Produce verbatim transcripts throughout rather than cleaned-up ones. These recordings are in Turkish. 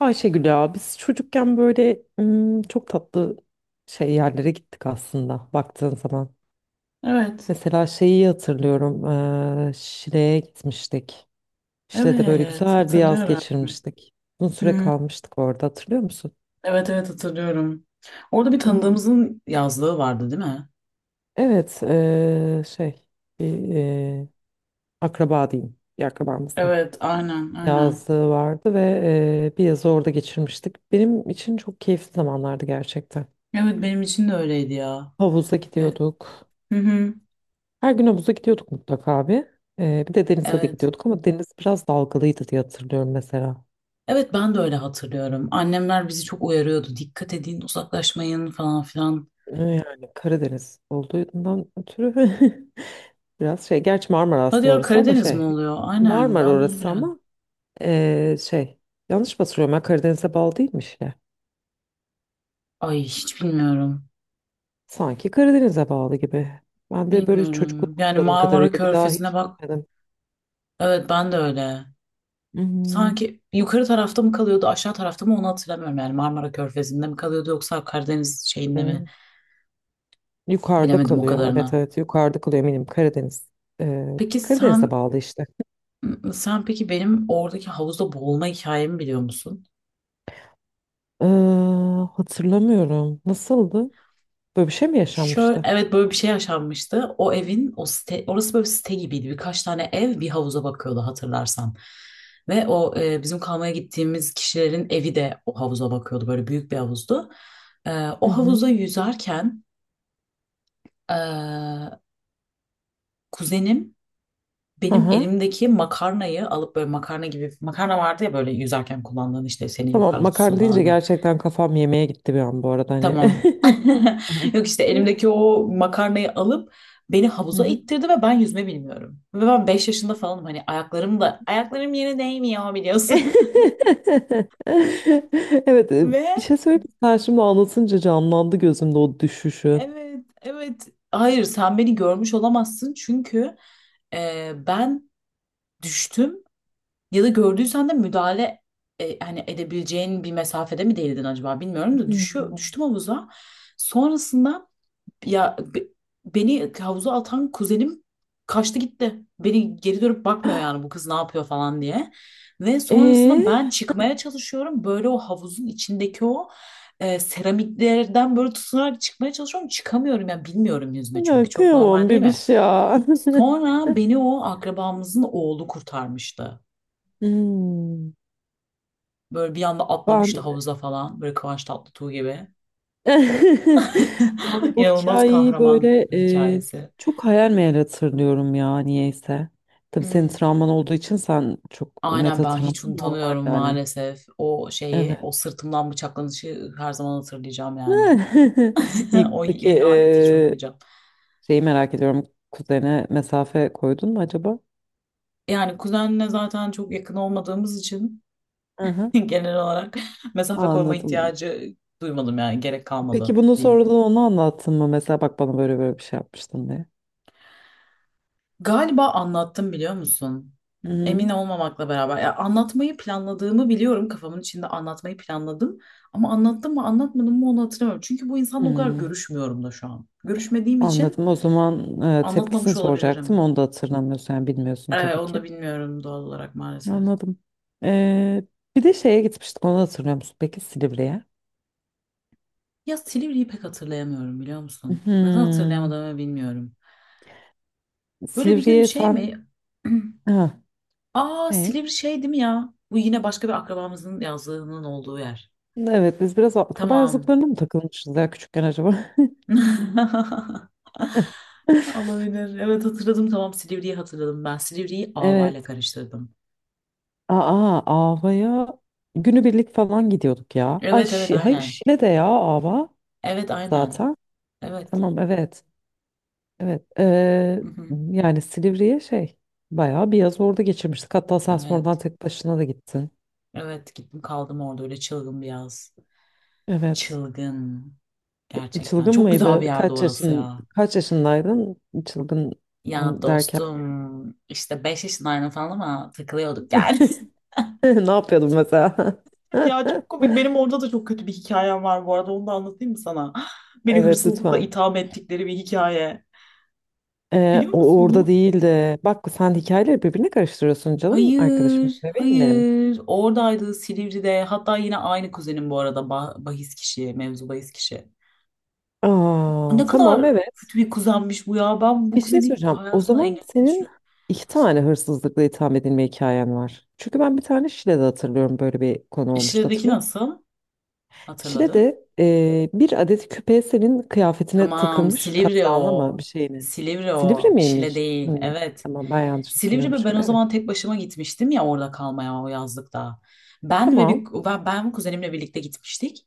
Ayşegül ya biz çocukken böyle ım, çok tatlı şey yerlere gittik aslında baktığın zaman. Evet. Mesela şeyi hatırlıyorum. eee, Şile'ye gitmiştik. Şile'de böyle Evet. güzel bir yaz Hatırlıyorum. geçirmiştik. Uzun süre Hı, kalmıştık orada hatırlıyor musun? Evet, evet, hatırlıyorum. Orada bir Evet. tanıdığımızın yazlığı vardı, değil mi? Evet eee, şey, bir eee, akraba diyeyim. Bir akrabamızın Evet, aynen, aynen. yazlığı vardı ve eee, bir yazı orada geçirmiştik. Benim için çok keyifli zamanlardı gerçekten. Evet, benim için de öyleydi ya. Havuza Gel. gidiyorduk. Hı hı. Her gün havuza gidiyorduk mutlaka abi. Ee, bir de denize de Evet. gidiyorduk ama deniz biraz dalgalıydı diye hatırlıyorum mesela. Evet, ben de öyle hatırlıyorum. Annemler bizi çok uyarıyordu. Dikkat edin, uzaklaşmayın falan filan. Ee, Yani Karadeniz olduğundan ötürü biraz şey. Gerçi Marmara Hadi aslında ya, orası ama Karadeniz mi şey. oluyor? Aynen, Marmara ben de onu orası bilemedim. ama ee, şey. Yanlış mı hatırlıyorum ben Karadeniz'e bağlı değilmiş ya. Ay, hiç bilmiyorum. Sanki Karadeniz'e bağlı gibi. Ben de böyle çocukluk Bilmiyorum. Yani hatırladığım Marmara kadarıyla bir daha Körfezi'ne hiç bak. gitmedim. Evet, ben de öyle. Hmm. Sanki yukarı tarafta mı kalıyordu, aşağı tarafta mı, onu hatırlamıyorum. Yani Marmara Körfezi'nde mi kalıyordu, yoksa Karadeniz şeyinde mi? Hı, yukarıda Bilemedim o kalıyor. Evet kadarını. evet yukarıda kalıyor eminim Karadeniz. Ee, Peki Karadeniz'e sen bağlı işte. sen peki benim oradaki havuzda boğulma hikayemi biliyor musun? Ee, hatırlamıyorum. Nasıldı? Böyle bir şey mi Şöyle, yaşanmıştı? evet, böyle bir şey yaşanmıştı. O evin, o site, orası böyle bir site gibiydi. Birkaç tane ev bir havuza bakıyordu, hatırlarsan. Ve o e, bizim kalmaya gittiğimiz kişilerin evi de o havuza bakıyordu. Böyle büyük bir havuzdu. E, o Hı hı. havuza yüzerken e, kuzenim benim Aha. elimdeki makarnayı alıp, böyle makarna gibi, makarna vardı ya böyle yüzerken kullandığın, işte seni Tamam yukarı tutsun makarna deyince falan diye. gerçekten kafam yemeğe gitti bir an bu arada hani. Tamam. Evet. Yok, işte elimdeki o makarnayı alıp beni Hı havuza hı. ittirdi ve ben yüzme bilmiyorum. Ve ben beş yaşında falanım, hani ayaklarım da ayaklarım yere değmiyor biliyorsun. Evet, e, Ve bir şey söyleyeyim mi? Sen şimdi anlatınca canlandı gözümde o düşüşü. evet, evet, hayır, sen beni görmüş olamazsın çünkü e, ben düştüm. Ya da gördüysen de müdahale e, hani edebileceğin bir mesafede mi değildin acaba bilmiyorum da, düşüyor, Hmm. düştüm havuza. Sonrasında ya, be- beni havuza atan kuzenim kaçtı gitti. Beni geri dönüp bakmıyor, yani bu kız ne yapıyor falan diye. Ve sonrasında Ee, ben çıkmaya çalışıyorum. Böyle o havuzun içindeki o e, seramiklerden böyle tutunarak çıkmaya çalışıyorum. Çıkamıyorum, yani bilmiyorum yüzme çünkü. ya Çok normal, kıyamam değil mi? bebiş ya. Sonra beni o akrabamızın oğlu kurtarmıştı. Hmm. Böyle bir anda atlamıştı Ben havuza falan. Böyle Kıvanç Tatlıtuğ gibi. Ben bu İnanılmaz hikayeyi kahraman böyle e, hikayesi. çok hayal meyal hatırlıyorum ya niyeyse. Tabii senin Hmm. travman olduğu için sen çok net Aynen, ben hatırlaman hiç normal unutamıyorum yani. maalesef. O şeyi, o Evet. sırtımdan bıçaklanışı her zaman hatırlayacağım yani. İyi, O peki ihaneti hiç e, unutmayacağım. şeyi merak ediyorum. Kuzene mesafe koydun mu acaba? Yani kuzenle zaten çok yakın olmadığımız için, Aha, genel olarak mesafe koyma anladım. ihtiyacı duymadım, yani gerek Peki kalmadı bunu diyeyim. sonradan ona anlattın mı? Mesela bak bana böyle böyle bir şey yapmıştın diye. Galiba anlattım, biliyor musun? Hı Emin hı. olmamakla beraber. Ya, anlatmayı planladığımı biliyorum. Kafamın içinde anlatmayı planladım. Ama anlattım mı anlatmadım mı onu hatırlamıyorum. Çünkü bu insanla o kadar Hmm, görüşmüyorum da şu an. Görüşmediğim için anladım. O zaman e, tepkisini anlatmamış soracaktım. olabilirim. Onu da hatırlamıyorsun yani bilmiyorsun Ee, tabii Onu da ki. bilmiyorum doğal olarak maalesef. Anladım. Ee, bir de şeye gitmiştik onu hatırlıyor musun? Peki Silivri'ye. Ya Silivri'yi pek hatırlayamıyorum, biliyor musun? Neden Hmm. hatırlayamadığımı bilmiyorum. Böyle bir gün Silivri'ye şey sen... mi? Ha, Aa, ne? Silivri şey değil mi ya? Bu yine başka bir akrabamızın yazlığının olduğu yer. Evet biz biraz akraba Tamam. yazlıklarına mı takılmışız ya küçükken acaba? Olabilir. Evet, hatırladım, tamam, Silivri'yi hatırladım ben. Silivri'yi Ava ile Evet. karıştırdım. Aa, Ava'ya günübirlik falan gidiyorduk ya. Ay, Evet, evet, Şi- hayır aynen. Şile'de ya Ava Evet, aynen. zaten. Evet. Tamam evet. Evet. Ee, Hı hı. yani Silivri'ye şey, bayağı bir yaz orada geçirmiştik. Hatta sen sonradan Evet. tek başına da gittin. Evet, gittim kaldım orada, öyle çılgın bir yaz. Evet. Çılgın. Gerçekten. Çılgın Çok güzel mıydı? bir yerde Kaç orası yaşın ya. kaç yaşındaydın? Çılgın Ya on- derken dostum, işte beş yaşındaydım falan ama takılıyorduk yani. ne yapıyordun mesela? Ya çok komik. Benim orada da çok kötü bir hikayem var bu arada. Onu da anlatayım mı sana? Beni Evet hırsızlıkla lütfen. itham ettikleri bir hikaye. Ee, Biliyor o musun orada onu? değildi. Bak sen hikayeleri birbirine karıştırıyorsun canım arkadaşım. Hayır, Bebeğim benim. hayır. Oradaydı, Silivri'de. Hatta yine aynı kuzenim, bu arada. Ba- bahis kişi, mevzu bahis kişi. Aa, Ne tamam kadar evet. kötü bir kuzenmiş bu ya. Ben bu Bir şey kuzeni soracağım. O hayatımda zaman engellemeyi senin düşünüyorum. iki tane hırsızlıkla itham edilme hikayen var. Çünkü ben bir tane Şile'de hatırlıyorum böyle bir konu olmuştu İşledeki hatırlıyor musun? nasıl? Hatırladın? Şile'de e, bir adet küpe senin kıyafetine Tamam, takılmış, Silivri kazağına o. mı bir şeyine. Silivri Silivri o. Şile miymiş? değil. Hı, Evet. tamam ben yanlış Silivri, ve ben hatırlıyormuşum. o Evet. zaman tek başıma gitmiştim ya, orada kalmaya o yazlıkta. Ben ve bir Tamam. ben, ben kuzenimle birlikte gitmiştik.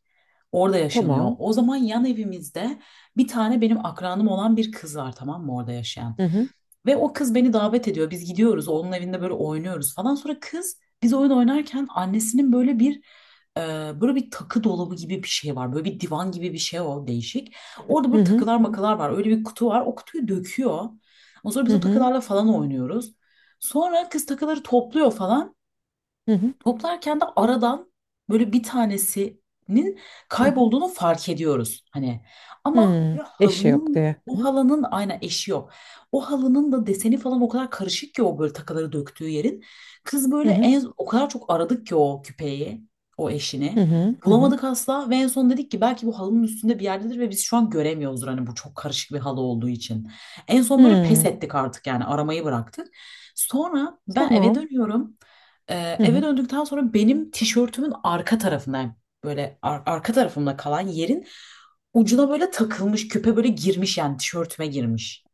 Orada yaşanıyor. Tamam. O zaman yan evimizde bir tane benim akranım olan bir kız var, tamam mı, orada yaşayan. Hı hı. Ve o kız beni davet ediyor. Biz gidiyoruz, onun evinde böyle oynuyoruz falan. Sonra kız, biz oyun oynarken annesinin böyle bir e, böyle bir takı dolabı gibi bir şey var. Böyle bir divan gibi bir şey, o değişik. Orada Hı böyle hı. takılar makalar var. Öyle bir kutu var. O kutuyu döküyor. Ondan sonra Hı biz o hı. takılarla falan oynuyoruz. Sonra kız takıları topluyor falan. Hı hı. Toplarken de aradan böyle bir tanesinin Hı hı. kaybolduğunu fark ediyoruz hani. Ama Hı. böyle Eşi yok halının diye. Hı o hı. halının aynen eşi yok. O halının da deseni falan o kadar karışık ki, o böyle takıları döktüğü yerin. Kız Hı böyle, hı. en, o kadar çok aradık ki o küpeyi, o Hı eşini. hı. Hı hı. Bulamadık asla ve en son dedik ki belki bu halının üstünde bir yerdedir ve biz şu an göremiyoruzdur, hani bu çok karışık bir halı olduğu için. En son böyle pes Hı. ettik artık, yani aramayı bıraktık. Sonra ben eve Tamam. dönüyorum. Ee, Hı Eve hı. döndükten sonra benim tişörtümün arka tarafından, böyle ar- arka tarafımda kalan yerin ucuna böyle takılmış küpe, böyle girmiş yani tişörtüme, girmiş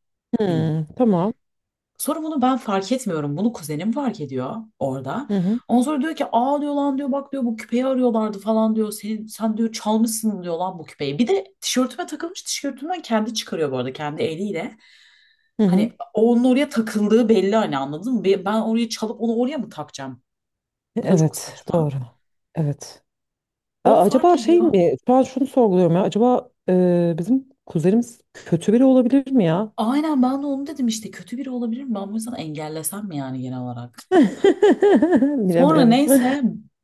bildiğin. Hı. Tamam. Sonra bunu ben fark etmiyorum. Bunu kuzenim fark ediyor orada. Hı hı. Ondan sonra diyor ki, aa diyor, lan diyor, bak diyor, bu küpeyi arıyorlardı falan diyor. Senin, sen diyor çalmışsın diyor lan bu küpeyi. Bir de tişörtüme takılmış, tişörtümden kendi çıkarıyor bu arada, kendi eliyle. Hı Hani hı. onun oraya takıldığı belli, hani anladın mı? Ben oraya çalıp onu oraya mı takacağım? Bu da çok Evet. Doğru. saçma. Evet. Onu A- fark acaba şey ediyor. mi? Şu an şunu sorguluyorum ya. Acaba e, bizim kuzenimiz kötü biri olabilir mi ya? Aynen, ben de onu dedim işte, kötü biri olabilir mi? Ben bu yüzden engellesem mi yani genel olarak? Sonra Bilemiyorum. neyse.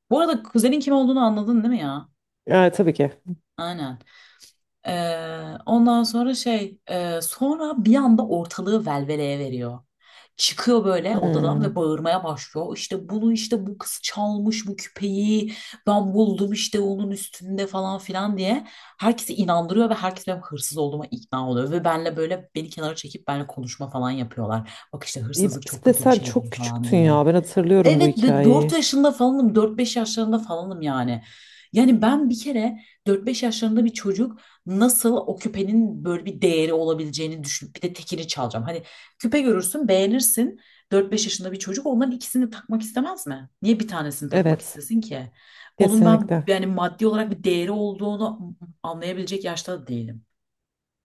Bu arada kuzenin kim olduğunu anladın, değil mi ya? Yani tabii ki. Aynen. Ee, ondan sonra şey e, sonra bir anda ortalığı velveleye veriyor. Çıkıyor böyle odadan Hmm. ve bağırmaya başlıyor. İşte bunu işte bu kız çalmış bu küpeyi, ben buldum işte onun üstünde falan filan diye. Herkesi inandırıyor ve herkes benim hırsız olduğuma ikna oluyor. Ve benle, böyle beni kenara çekip benimle konuşma falan yapıyorlar. Bak işte E, bir hırsızlık çok de kötü bir sen şeydir çok falan küçüktün diye. ya. Ben hatırlıyorum bu Evet, dört hikayeyi. yaşında falanım, dört beş yaşlarında falanım yani. Yani ben bir kere, dört beş yaşlarında bir çocuk nasıl o küpenin böyle bir değeri olabileceğini düşünüp bir de tekini çalacağım. Hani küpe görürsün, beğenirsin. Dört beş yaşında bir çocuk onların ikisini takmak istemez mi? Niye bir tanesini takmak Evet. istesin ki? Onun ben Kesinlikle. yani maddi olarak bir değeri olduğunu anlayabilecek yaşta da değilim.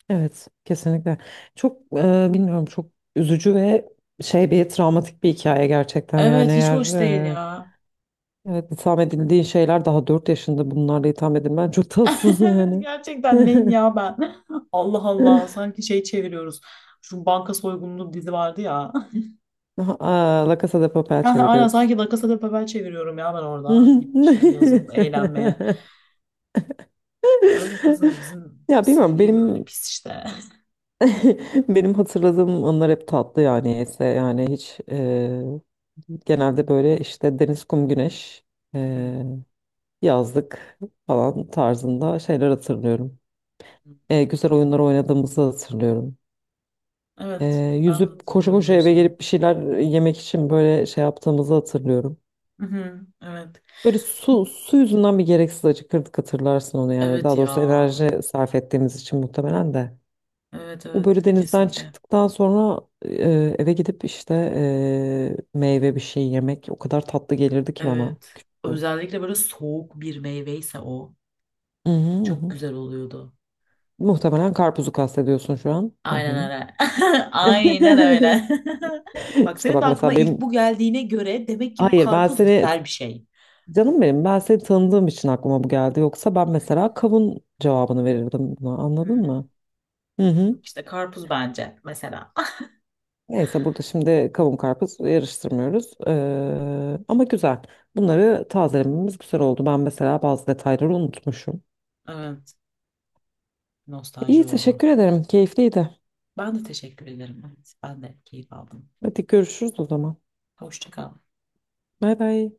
Evet. Kesinlikle. Çok e, bilmiyorum, çok üzücü ve şey, bir travmatik bir hikaye gerçekten, yani Evet, hiç eğer hoş değil e, ya. evet, itham edildiğin şeyler, daha dört yaşında bunlarla itham edilmen çok tatsız Evet, yani. gerçekten neyim ya ben? Allah Allah, sanki şey çeviriyoruz. Şu banka soygunlu dizi vardı ya. Aha, Aa, La Casa de Papel Ha, aynen, çeviriyoruz. sanki La Casa de Papel çeviriyorum ya ben orada. Gitmişim yazın eğlenmeye. Öyle, kızım bizim Ya bilmiyorum C V böyle benim pis işte. Benim hatırladığım anlar hep tatlı yani, ise yani hiç e, genelde böyle işte deniz, kum, güneş, e, Hmm. yazlık falan tarzında şeyler hatırlıyorum. E, güzel oyunlar oynadığımızı hatırlıyorum. E, Evet, ben de yüzüp koşu hatırlıyorum koşu öyle eve şeyleri. gelip bir şeyler yemek için böyle şey yaptığımızı hatırlıyorum. Hı hı. Evet. Böyle su, su yüzünden bir gereksiz acıkırdık hatırlarsın onu yani. Evet Daha ya. doğrusu enerji sarf ettiğimiz için muhtemelen de. Evet, O böyle evet, denizden kesinlikle. çıktıktan sonra e, eve gidip işte e, meyve bir şey yemek o kadar tatlı gelirdi ki bana, Evet. küçükken. Özellikle böyle soğuk bir meyveyse o Hı hı, hı çok hı. güzel oluyordu. Muhtemelen karpuzu kastediyorsun şu an Aynen tahminim. öyle. Aynen öyle. Bak, İşte senin de bak aklına mesela benim ilk bu geldiğine göre demek ki bu hayır ben karpuz seni güzel bir şey. canım benim, ben seni tanıdığım için aklıma bu geldi. Yoksa ben mesela kavun cevabını verirdim buna anladın Hmm. mı? Hı hı. Yok işte, karpuz bence mesela. Neyse burada şimdi kavun karpuz yarıştırmıyoruz. Ee, ama güzel. Bunları tazelememiz güzel oldu. Ben mesela bazı detayları unutmuşum. Evet, nostalji İyi, oldu. teşekkür ederim. Keyifliydi. Ben de teşekkür ederim. Evet, ben de keyif aldım. Hadi görüşürüz o zaman. Hoşça kal. Bay bay.